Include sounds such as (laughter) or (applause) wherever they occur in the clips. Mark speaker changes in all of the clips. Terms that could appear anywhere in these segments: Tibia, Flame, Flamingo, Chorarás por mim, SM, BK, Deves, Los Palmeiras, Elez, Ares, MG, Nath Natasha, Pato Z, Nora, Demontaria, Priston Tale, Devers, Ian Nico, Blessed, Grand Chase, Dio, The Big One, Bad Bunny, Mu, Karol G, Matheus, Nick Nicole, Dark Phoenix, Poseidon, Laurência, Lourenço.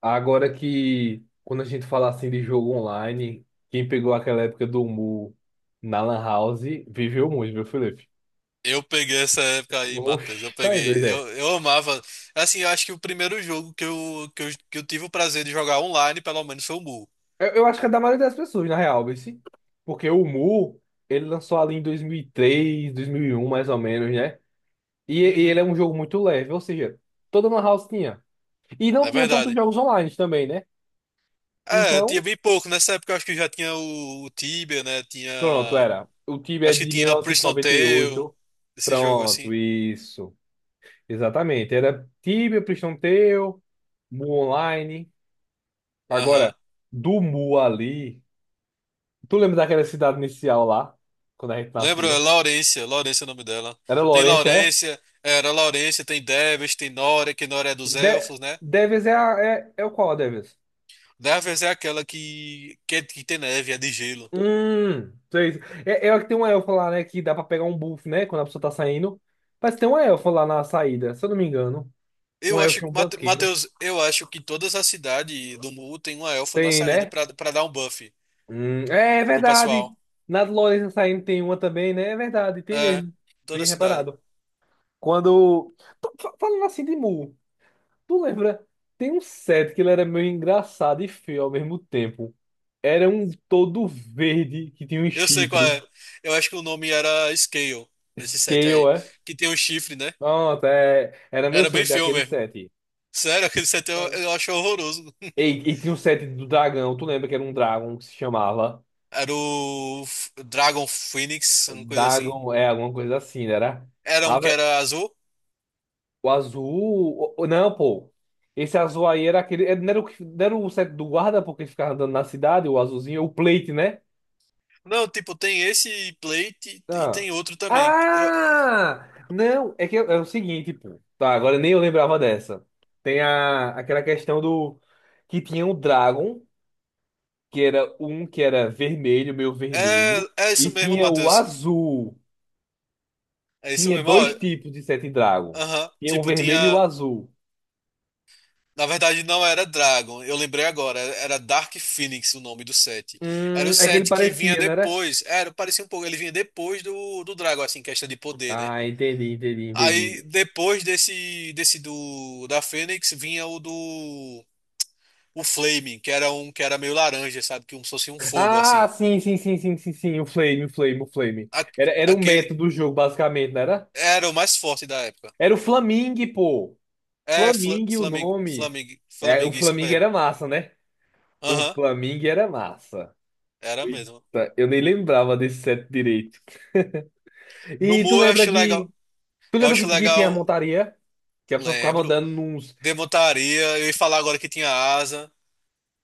Speaker 1: Agora que quando a gente fala assim de jogo online, quem pegou aquela época do Mu na Lan House viveu muito, viu, Felipe?
Speaker 2: Eu peguei essa época aí, Matheus. Eu
Speaker 1: Oxi, tá aí, doido.
Speaker 2: peguei.
Speaker 1: É.
Speaker 2: Eu amava. Assim, eu acho que o primeiro jogo que eu tive o prazer de jogar online, pelo menos, foi o Mu.
Speaker 1: Eu acho que é da maioria das pessoas, na real, esse. Porque o Mu, ele lançou ali em dois mil e um mais ou menos, né? E ele é
Speaker 2: Uhum,
Speaker 1: um jogo muito leve, ou seja, toda Lan House tinha. E não
Speaker 2: é
Speaker 1: tinha tantos
Speaker 2: verdade.
Speaker 1: jogos online também, né?
Speaker 2: É, tinha
Speaker 1: Então,
Speaker 2: bem pouco. Nessa época, eu acho que já tinha o Tibia, né?
Speaker 1: pronto,
Speaker 2: Tinha.
Speaker 1: era. O time é
Speaker 2: Acho que
Speaker 1: de mil
Speaker 2: tinha
Speaker 1: novecentos e
Speaker 2: Prison
Speaker 1: noventa e
Speaker 2: Tale,
Speaker 1: oito.
Speaker 2: esse jogo assim.
Speaker 1: Pronto, isso. Exatamente. Era Tibia, Priston Tale, Mu Online.
Speaker 2: Aham.
Speaker 1: Agora, do Mu ali. Tu lembra daquela cidade inicial lá? Quando a gente
Speaker 2: Lembra? É
Speaker 1: nascia?
Speaker 2: Laurência. Laurência é o nome dela.
Speaker 1: Era
Speaker 2: Tem
Speaker 1: Lourenço, é?
Speaker 2: Laurência, era Laurência, tem Deves, tem Nora, que Nora é dos
Speaker 1: De
Speaker 2: elfos, né?
Speaker 1: Devers é, é o qual, a Devers?
Speaker 2: Deves é aquela que tem neve, é de gelo.
Speaker 1: Sei. É, é a que tem uma elfa lá, né? Que dá pra pegar um buff, né? Quando a pessoa tá saindo. Parece que tem uma elfa lá na saída, se eu não me engano. Um
Speaker 2: Eu acho
Speaker 1: elfo e um
Speaker 2: que,
Speaker 1: banqueiro.
Speaker 2: Matheus, eu acho que todas as cidades do Mu tem uma elfa na
Speaker 1: Tem,
Speaker 2: saída
Speaker 1: né?
Speaker 2: pra dar um buff
Speaker 1: É, é
Speaker 2: pro
Speaker 1: verdade.
Speaker 2: pessoal.
Speaker 1: Na do Lourenço saindo tem uma também, né? É verdade, tem
Speaker 2: É,
Speaker 1: mesmo.
Speaker 2: toda
Speaker 1: Bem
Speaker 2: a cidade.
Speaker 1: reparado. Quando. Falando assim de Mu, tu lembra? Tem um set que ele era meio engraçado e feio ao mesmo tempo. Era um todo verde que tinha um
Speaker 2: Eu sei qual
Speaker 1: chifre.
Speaker 2: é. Eu acho que o nome era Scale, esse set
Speaker 1: Scale,
Speaker 2: aí.
Speaker 1: é?
Speaker 2: Que tem um chifre, né?
Speaker 1: Pronto, é. Era meu
Speaker 2: Era
Speaker 1: sonho
Speaker 2: bem
Speaker 1: ter
Speaker 2: feio
Speaker 1: aquele
Speaker 2: mesmo.
Speaker 1: set.
Speaker 2: Sério, (laughs) aquele set eu,
Speaker 1: É.
Speaker 2: eu acho horroroso.
Speaker 1: E, e tinha um set do dragão, tu lembra que era um dragão que se chamava?
Speaker 2: Era o Dragon Phoenix, uma coisa assim.
Speaker 1: Dragon, é, alguma coisa assim, né? Era.
Speaker 2: Era
Speaker 1: Ah,
Speaker 2: um que
Speaker 1: vé-
Speaker 2: era azul.
Speaker 1: o azul. Não, pô. Esse azul aí era aquele. É, não era o, não era o set do guarda, porque ele ficava andando na cidade, o azulzinho, o plate, né?
Speaker 2: Não, tipo, tem esse plate e
Speaker 1: Ah.
Speaker 2: tem outro também.
Speaker 1: Ah! Não, é que é, é o seguinte, pô. Tá, agora nem eu lembrava dessa. Tem a, aquela questão do que tinha o Dragon, que era um que era vermelho, meio
Speaker 2: É,
Speaker 1: vermelho,
Speaker 2: é
Speaker 1: e
Speaker 2: isso mesmo,
Speaker 1: tinha o
Speaker 2: Matheus.
Speaker 1: azul.
Speaker 2: É isso
Speaker 1: Tinha
Speaker 2: mesmo. Ó.
Speaker 1: dois tipos de Sete Dragon.
Speaker 2: Aham.
Speaker 1: Tinha um
Speaker 2: Tipo,
Speaker 1: vermelho e o
Speaker 2: tinha.
Speaker 1: azul.
Speaker 2: Na verdade, não era Dragon. Eu lembrei agora. Era Dark Phoenix o nome do set. Era o
Speaker 1: É que ele
Speaker 2: set que vinha
Speaker 1: parecia, não era?
Speaker 2: depois. Era, parecia um pouco. Ele vinha depois do Dragon, assim, questão de poder, né?
Speaker 1: Ah, entendi, entendi,
Speaker 2: Aí,
Speaker 1: entendi.
Speaker 2: depois desse do da Fênix, vinha o do. O Flaming, que era um que era meio laranja, sabe? Que um, se fosse um fogo,
Speaker 1: Ah,
Speaker 2: assim.
Speaker 1: sim, sim, sim, sim, sim, sim. O Flame, o Flame, o Flame.
Speaker 2: A-
Speaker 1: Era o
Speaker 2: aquele
Speaker 1: método do jogo, basicamente, não era?
Speaker 2: era o mais forte da época.
Speaker 1: Era o Flamingue, pô.
Speaker 2: É, Fla,
Speaker 1: Flamingo, o
Speaker 2: Flaming,
Speaker 1: nome.
Speaker 2: Flaming,
Speaker 1: É,
Speaker 2: Flaming,
Speaker 1: o
Speaker 2: isso
Speaker 1: Flamingo era
Speaker 2: mesmo.
Speaker 1: massa, né? O
Speaker 2: Aham,
Speaker 1: Flamingo era massa.
Speaker 2: era mesmo.
Speaker 1: Eita, eu nem lembrava desse set direito.
Speaker 2: No
Speaker 1: E tu
Speaker 2: Mu eu
Speaker 1: lembra
Speaker 2: achei
Speaker 1: que.
Speaker 2: legal.
Speaker 1: Tu
Speaker 2: Eu
Speaker 1: lembra que,
Speaker 2: acho
Speaker 1: que tinha a
Speaker 2: legal,
Speaker 1: montaria? Que a pessoa ficava
Speaker 2: lembro.
Speaker 1: andando nos.
Speaker 2: Demontaria, eu ia falar agora que tinha asa.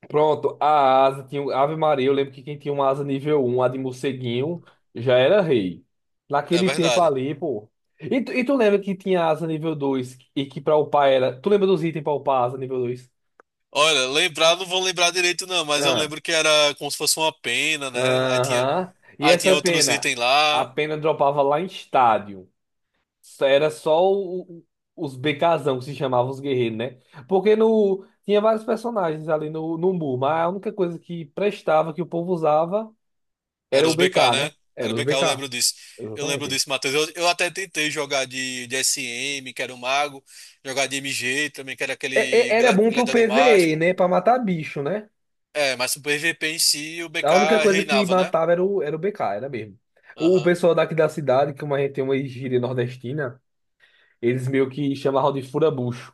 Speaker 1: Pronto, a asa tinha. Ave Maria, eu lembro que quem tinha uma asa nível um a de morceguinho, já era rei.
Speaker 2: É
Speaker 1: Naquele tempo
Speaker 2: verdade.
Speaker 1: ali, pô. E tu lembra que tinha asa nível 2 e que pra upar era. Tu lembra dos itens pra upar a asa nível 2.
Speaker 2: Olha, lembrar, não vou lembrar direito, não, mas eu lembro que era como se fosse uma pena, né? Aí tinha,
Speaker 1: Aham. E
Speaker 2: aí tinha
Speaker 1: essa
Speaker 2: outros
Speaker 1: pena?
Speaker 2: itens
Speaker 1: A
Speaker 2: lá.
Speaker 1: pena dropava lá em estádio. Só- Era só o- Os BKzão que se chamavam os guerreiros, né? Porque no, tinha vários personagens ali no Mu, mas a única coisa que prestava, que o povo usava, era
Speaker 2: Era
Speaker 1: o
Speaker 2: os BK,
Speaker 1: BK, né?
Speaker 2: né?
Speaker 1: Era
Speaker 2: Era
Speaker 1: os
Speaker 2: BK, eu
Speaker 1: BK.
Speaker 2: lembro disso. Eu lembro
Speaker 1: Exatamente.
Speaker 2: disso, Matheus. Eu até tentei jogar de SM, que era o mago, jogar de MG também, que era
Speaker 1: É-
Speaker 2: aquele
Speaker 1: Era bom pro
Speaker 2: gladiador
Speaker 1: PvE,
Speaker 2: mágico.
Speaker 1: né? Pra matar bicho, né?
Speaker 2: É, mas o PVP em si, o
Speaker 1: A única
Speaker 2: BK
Speaker 1: coisa que
Speaker 2: reinava, né?
Speaker 1: matava era o BK, era mesmo. O
Speaker 2: Aham.
Speaker 1: pessoal daqui da cidade, como a gente tem uma gíria nordestina, eles meio que chamavam de furabucho.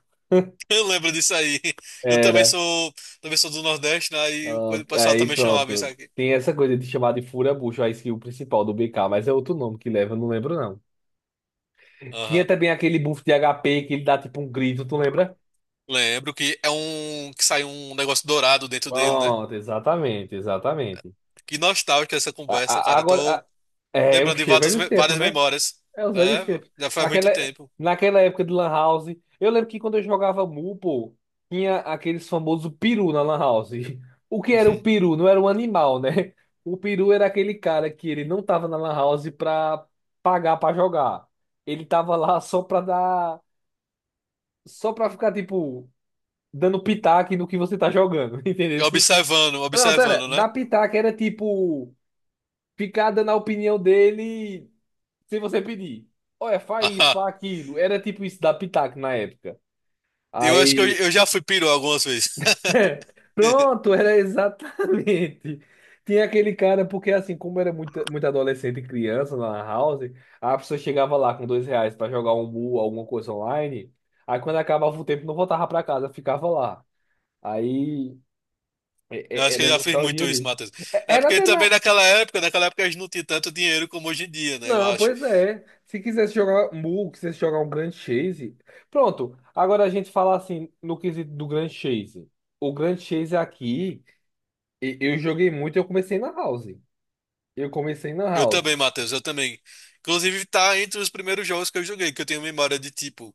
Speaker 2: Eu lembro disso aí. (laughs) Eu também
Speaker 1: Era.
Speaker 2: sou, também sou do Nordeste, né? E o
Speaker 1: Ah,
Speaker 2: pessoal
Speaker 1: aí
Speaker 2: também chamava isso
Speaker 1: pronto.
Speaker 2: aqui.
Speaker 1: Tem essa coisa de chamar de fura-bucho, a skill principal do BK, mas é outro nome que leva, eu não lembro não. Tinha
Speaker 2: Aham.
Speaker 1: também aquele buff de HP que ele dá tipo um grito, tu lembra?
Speaker 2: Lembro que é um que sai um negócio dourado dentro dele, né?
Speaker 1: Pronto, exatamente, exatamente.
Speaker 2: Que nostálgica essa
Speaker 1: A-
Speaker 2: conversa,
Speaker 1: a-
Speaker 2: cara. Eu
Speaker 1: agora, a-
Speaker 2: tô
Speaker 1: É o
Speaker 2: lembrando de
Speaker 1: cheiro
Speaker 2: várias,
Speaker 1: velho os tempos,
Speaker 2: várias
Speaker 1: né?
Speaker 2: memórias.
Speaker 1: É os velhos
Speaker 2: É,
Speaker 1: tempos.
Speaker 2: já faz muito
Speaker 1: Aquela,
Speaker 2: tempo.
Speaker 1: naquela época de Lan House, eu lembro que quando eu jogava Mu, pô, tinha aqueles famosos peru na Lan House. (laughs) O que era o
Speaker 2: (laughs)
Speaker 1: peru? Não era um animal, né? O peru era aquele cara que ele não tava na Lan House pra pagar pra jogar. Ele tava lá só pra dar. Só pra ficar, tipo, dando pitaco no que você tá jogando, (laughs) entendeu?
Speaker 2: E observando,
Speaker 1: Não, pera,
Speaker 2: observando, né?
Speaker 1: dar pitaco era tipo. Ficar dando a opinião dele se você pedir, olha, faz isso,
Speaker 2: (laughs) Ah,
Speaker 1: faz aquilo. Era tipo isso da Pitaco na época.
Speaker 2: eu acho que eu,
Speaker 1: Aí,
Speaker 2: eu já fui peru algumas vezes.
Speaker 1: (laughs)
Speaker 2: (laughs)
Speaker 1: pronto, era exatamente. Tinha aquele cara, porque assim, como era muito, muito adolescente e criança lá na house, a pessoa chegava lá com R$ 2 pra jogar um mu, alguma coisa online. Aí quando acabava o tempo, não voltava pra casa, ficava lá. Aí,
Speaker 2: Eu
Speaker 1: é-
Speaker 2: acho que eu
Speaker 1: era
Speaker 2: já fiz muito
Speaker 1: nostalgia
Speaker 2: isso,
Speaker 1: mesmo.
Speaker 2: Matheus. É
Speaker 1: Era
Speaker 2: porque
Speaker 1: até
Speaker 2: também
Speaker 1: na.
Speaker 2: naquela época a gente não tinha tanto dinheiro como hoje em dia, né? Eu
Speaker 1: Não,
Speaker 2: acho.
Speaker 1: pois é. Se quisesse jogar Mu, quisesse jogar um Grand Chase. Pronto. Agora a gente fala assim no quesito do Grand Chase. O Grand Chase aqui, eu joguei muito, eu comecei na House. Eu comecei na
Speaker 2: Eu
Speaker 1: House.
Speaker 2: também, Matheus, eu também. Inclusive, tá entre os primeiros jogos que eu joguei, que eu tenho memória de tipo.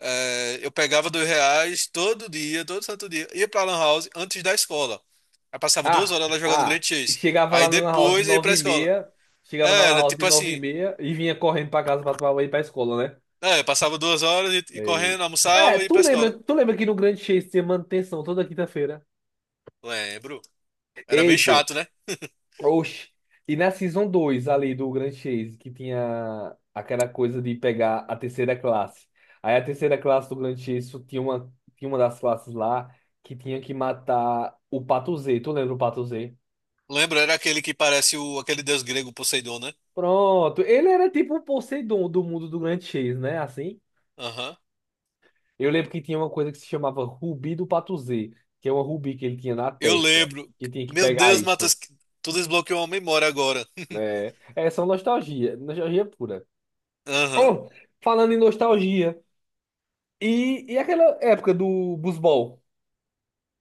Speaker 2: Eu pegava R$ 2 todo dia, todo santo dia, ia pra Lan House antes da escola. Aí passava duas
Speaker 1: Ah,
Speaker 2: horas lá jogando
Speaker 1: ah,
Speaker 2: Grand Chase.
Speaker 1: chegava lá
Speaker 2: Aí
Speaker 1: na lan House de
Speaker 2: depois ia
Speaker 1: 9
Speaker 2: pra
Speaker 1: e
Speaker 2: escola.
Speaker 1: meia, chegava na
Speaker 2: É,
Speaker 1: lan
Speaker 2: era
Speaker 1: House de
Speaker 2: tipo
Speaker 1: 9 e
Speaker 2: assim.
Speaker 1: meia e vinha correndo pra casa pra tomar banho e ir pra escola, né?
Speaker 2: É, passava 2 horas e
Speaker 1: E...
Speaker 2: correndo,
Speaker 1: É,
Speaker 2: almoçava e ia
Speaker 1: tu
Speaker 2: pra
Speaker 1: lembra,
Speaker 2: escola.
Speaker 1: tu lembra que no Grand Chase tinha manutenção toda quinta-feira?
Speaker 2: Lembro. Era bem
Speaker 1: Ei, pô.
Speaker 2: chato, né?
Speaker 1: Oxi. E na Season 2 ali do Grand Chase, que tinha aquela coisa de pegar a terceira classe. Aí a terceira classe do Grand Chase só tinha uma das classes lá que tinha que matar o Pato Z. Tu lembra o Pato Z?
Speaker 2: Lembro, era aquele que parece o, aquele deus grego Poseidon, né?
Speaker 1: Pronto. Ele era tipo o Poseidon do mundo do Grand Chase, né? Assim.
Speaker 2: Aham.
Speaker 1: Eu lembro que tinha uma coisa que se chamava Rubi do Pato Z, que é uma rubi que ele tinha na
Speaker 2: Eu
Speaker 1: testa,
Speaker 2: lembro.
Speaker 1: que tinha que
Speaker 2: Meu
Speaker 1: pegar
Speaker 2: Deus, Matheus,
Speaker 1: isso.
Speaker 2: tu desbloqueou uma memória agora. (laughs)
Speaker 1: É, é só nostalgia, nostalgia pura.
Speaker 2: Aham.
Speaker 1: Oh, falando em nostalgia. E aquela época do busbol,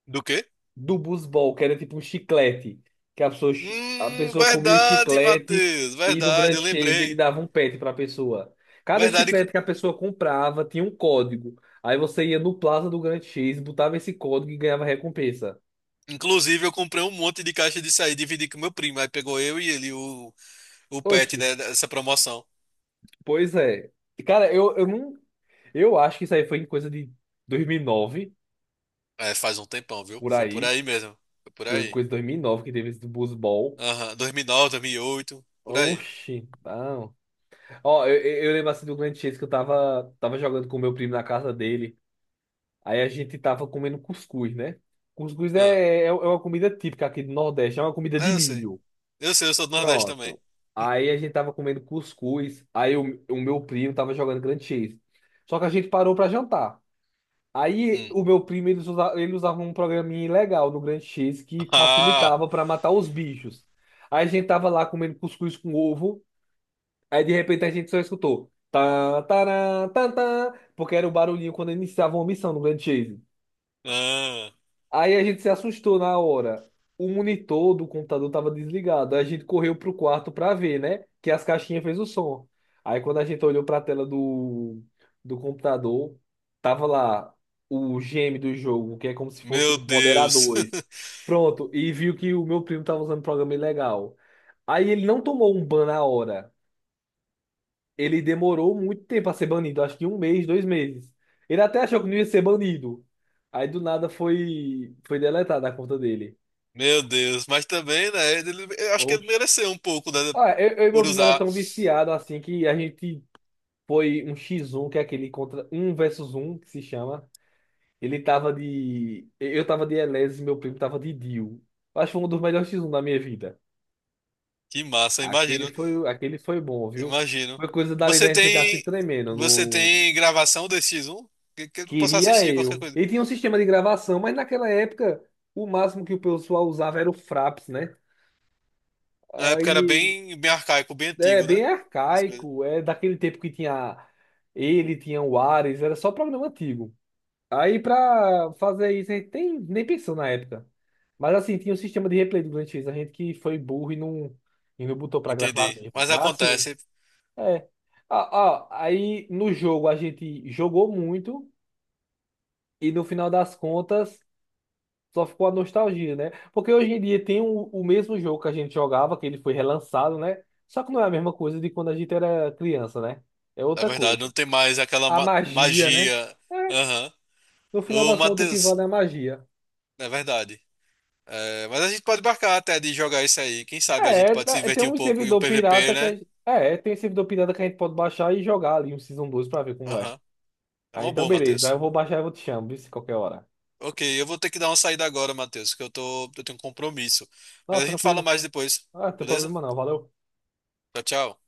Speaker 2: Do quê?
Speaker 1: que era tipo um chiclete, que a pessoa, chi- a pessoa comia o
Speaker 2: Verdade,
Speaker 1: chiclete
Speaker 2: Matheus.
Speaker 1: e no Grand
Speaker 2: Verdade, eu
Speaker 1: Chase ele
Speaker 2: lembrei.
Speaker 1: dava um pet pra pessoa. Cada
Speaker 2: Verdade,
Speaker 1: chiclete que a pessoa comprava tinha um código. Aí você ia no Plaza do Grand Chase, botava esse código e ganhava recompensa.
Speaker 2: inclusive eu comprei um monte de caixa disso aí, dividi com meu primo. Aí pegou eu e ele o pet,
Speaker 1: Oxi,
Speaker 2: né, dessa promoção.
Speaker 1: pois é. Cara, eu não. Eu acho que isso aí foi em coisa de 2009,
Speaker 2: É, faz um tempão, viu?
Speaker 1: por
Speaker 2: Foi por
Speaker 1: aí.
Speaker 2: aí mesmo. Foi por aí.
Speaker 1: Coisa de 2009 que teve esse busbol.
Speaker 2: Aham, 2009, 2008 por aí.
Speaker 1: Oxi, ah. Ó, eu lembro assim do grande Chase que eu tava jogando com o meu primo na casa dele. Aí a gente tava comendo cuscuz, né? Cuscuz é,
Speaker 2: Ah,
Speaker 1: uma comida típica aqui do Nordeste, é uma comida de
Speaker 2: é, eu sei.
Speaker 1: milho.
Speaker 2: Eu sei, eu sou do Nordeste também.
Speaker 1: Pronto. Aí a gente tava comendo cuscuz, aí o meu primo tava jogando grande Chase. Só que a gente parou pra jantar. Aí
Speaker 2: Hum.
Speaker 1: o
Speaker 2: (laughs)
Speaker 1: meu primo, ele usava um programinha legal no grande Chase que
Speaker 2: Ah,
Speaker 1: facilitava pra matar os bichos. Aí a gente tava lá comendo cuscuz com ovo. Aí de repente a gente só escutou. Tá, tará, tá, tá, porque era o barulhinho quando iniciava uma missão no Grand Chase.
Speaker 2: ah,
Speaker 1: Aí a gente se assustou na hora. O monitor do computador estava desligado. Aí a gente correu pro quarto para ver, né? Que as caixinhas fez o som. Aí quando a gente olhou para a tela do computador, tava lá o GM do jogo, que é como se fossem
Speaker 2: meu
Speaker 1: os
Speaker 2: Deus.
Speaker 1: moderadores.
Speaker 2: (laughs)
Speaker 1: Pronto, e viu que o meu primo tava usando um programa ilegal. Aí ele não tomou um ban na hora, ele demorou muito tempo a ser banido, acho que um mês, 2 meses. Ele até achou que não ia ser banido. Aí do nada foi deletada a conta dele.
Speaker 2: Meu Deus. Mas também, né, eu acho que ele
Speaker 1: Oxe.
Speaker 2: mereceu um pouco, né,
Speaker 1: Ah, eu e meu
Speaker 2: por
Speaker 1: primo era
Speaker 2: usar.
Speaker 1: tão viciado assim que a gente foi um X1, que é aquele contra um versus um que se chama. Ele tava de. Eu tava de Elez e meu primo tava de Dio. Eu acho que foi um dos melhores X1 da minha vida.
Speaker 2: Que massa,
Speaker 1: Aquele
Speaker 2: imagino.
Speaker 1: foi, aquele foi bom, viu?
Speaker 2: Imagino.
Speaker 1: Foi coisa dali da
Speaker 2: Você
Speaker 1: gente ficar se
Speaker 2: tem,
Speaker 1: tremendo
Speaker 2: você
Speaker 1: no.
Speaker 2: tem gravação desse X1? Que eu posso
Speaker 1: Queria
Speaker 2: assistir, qualquer
Speaker 1: eu.
Speaker 2: coisa.
Speaker 1: Ele tinha um sistema de gravação, mas naquela época o máximo que o pessoal usava era o Fraps, né?
Speaker 2: Na época era
Speaker 1: Aí
Speaker 2: bem, bem arcaico, bem
Speaker 1: é
Speaker 2: antigo, né?
Speaker 1: bem
Speaker 2: As coisas.
Speaker 1: arcaico, é daquele tempo que tinha ele, tinha o Ares, era só programa antigo. Aí pra fazer isso a gente nem pensou na época. Mas assim, tinha um sistema de replay do Grand X, a gente que foi burro e não, botou pra gravar
Speaker 2: Entendi.
Speaker 1: mesmo.
Speaker 2: Mas
Speaker 1: Mas assim,
Speaker 2: acontece,
Speaker 1: é. Ah, ah, aí no jogo a gente jogou muito e no final das contas. Só ficou a nostalgia, né? Porque hoje em dia tem o mesmo jogo que a gente jogava, que ele foi relançado, né? Só que não é a mesma coisa de quando a gente era criança, né? É
Speaker 2: é
Speaker 1: outra
Speaker 2: verdade, não
Speaker 1: coisa.
Speaker 2: tem mais aquela
Speaker 1: A magia, né?
Speaker 2: magia.
Speaker 1: É,
Speaker 2: Aham.
Speaker 1: no final
Speaker 2: Ô,
Speaker 1: das contas, o que
Speaker 2: Matheus,
Speaker 1: vale é a magia.
Speaker 2: é verdade. É, mas a gente pode marcar até de jogar isso aí. Quem sabe a gente
Speaker 1: É,
Speaker 2: pode se
Speaker 1: é, tem
Speaker 2: divertir um
Speaker 1: um
Speaker 2: pouco em um
Speaker 1: servidor pirata
Speaker 2: PVP,
Speaker 1: que
Speaker 2: né?
Speaker 1: é, tem um servidor pirata que a gente pode baixar e jogar ali um Season 2 pra ver como é.
Speaker 2: Aham. É
Speaker 1: Ah,
Speaker 2: uma
Speaker 1: então
Speaker 2: boa,
Speaker 1: beleza. Aí eu
Speaker 2: Matheus.
Speaker 1: vou baixar e vou te chamar, viu? Se qualquer hora.
Speaker 2: Ok, eu vou ter que dar uma saída agora, Matheus, que eu tenho um compromisso.
Speaker 1: Não,
Speaker 2: Mas
Speaker 1: tá
Speaker 2: a gente fala
Speaker 1: tranquilo.
Speaker 2: mais depois,
Speaker 1: Ah, não tem
Speaker 2: beleza?
Speaker 1: problema não. Valeu.
Speaker 2: Tchau, tchau.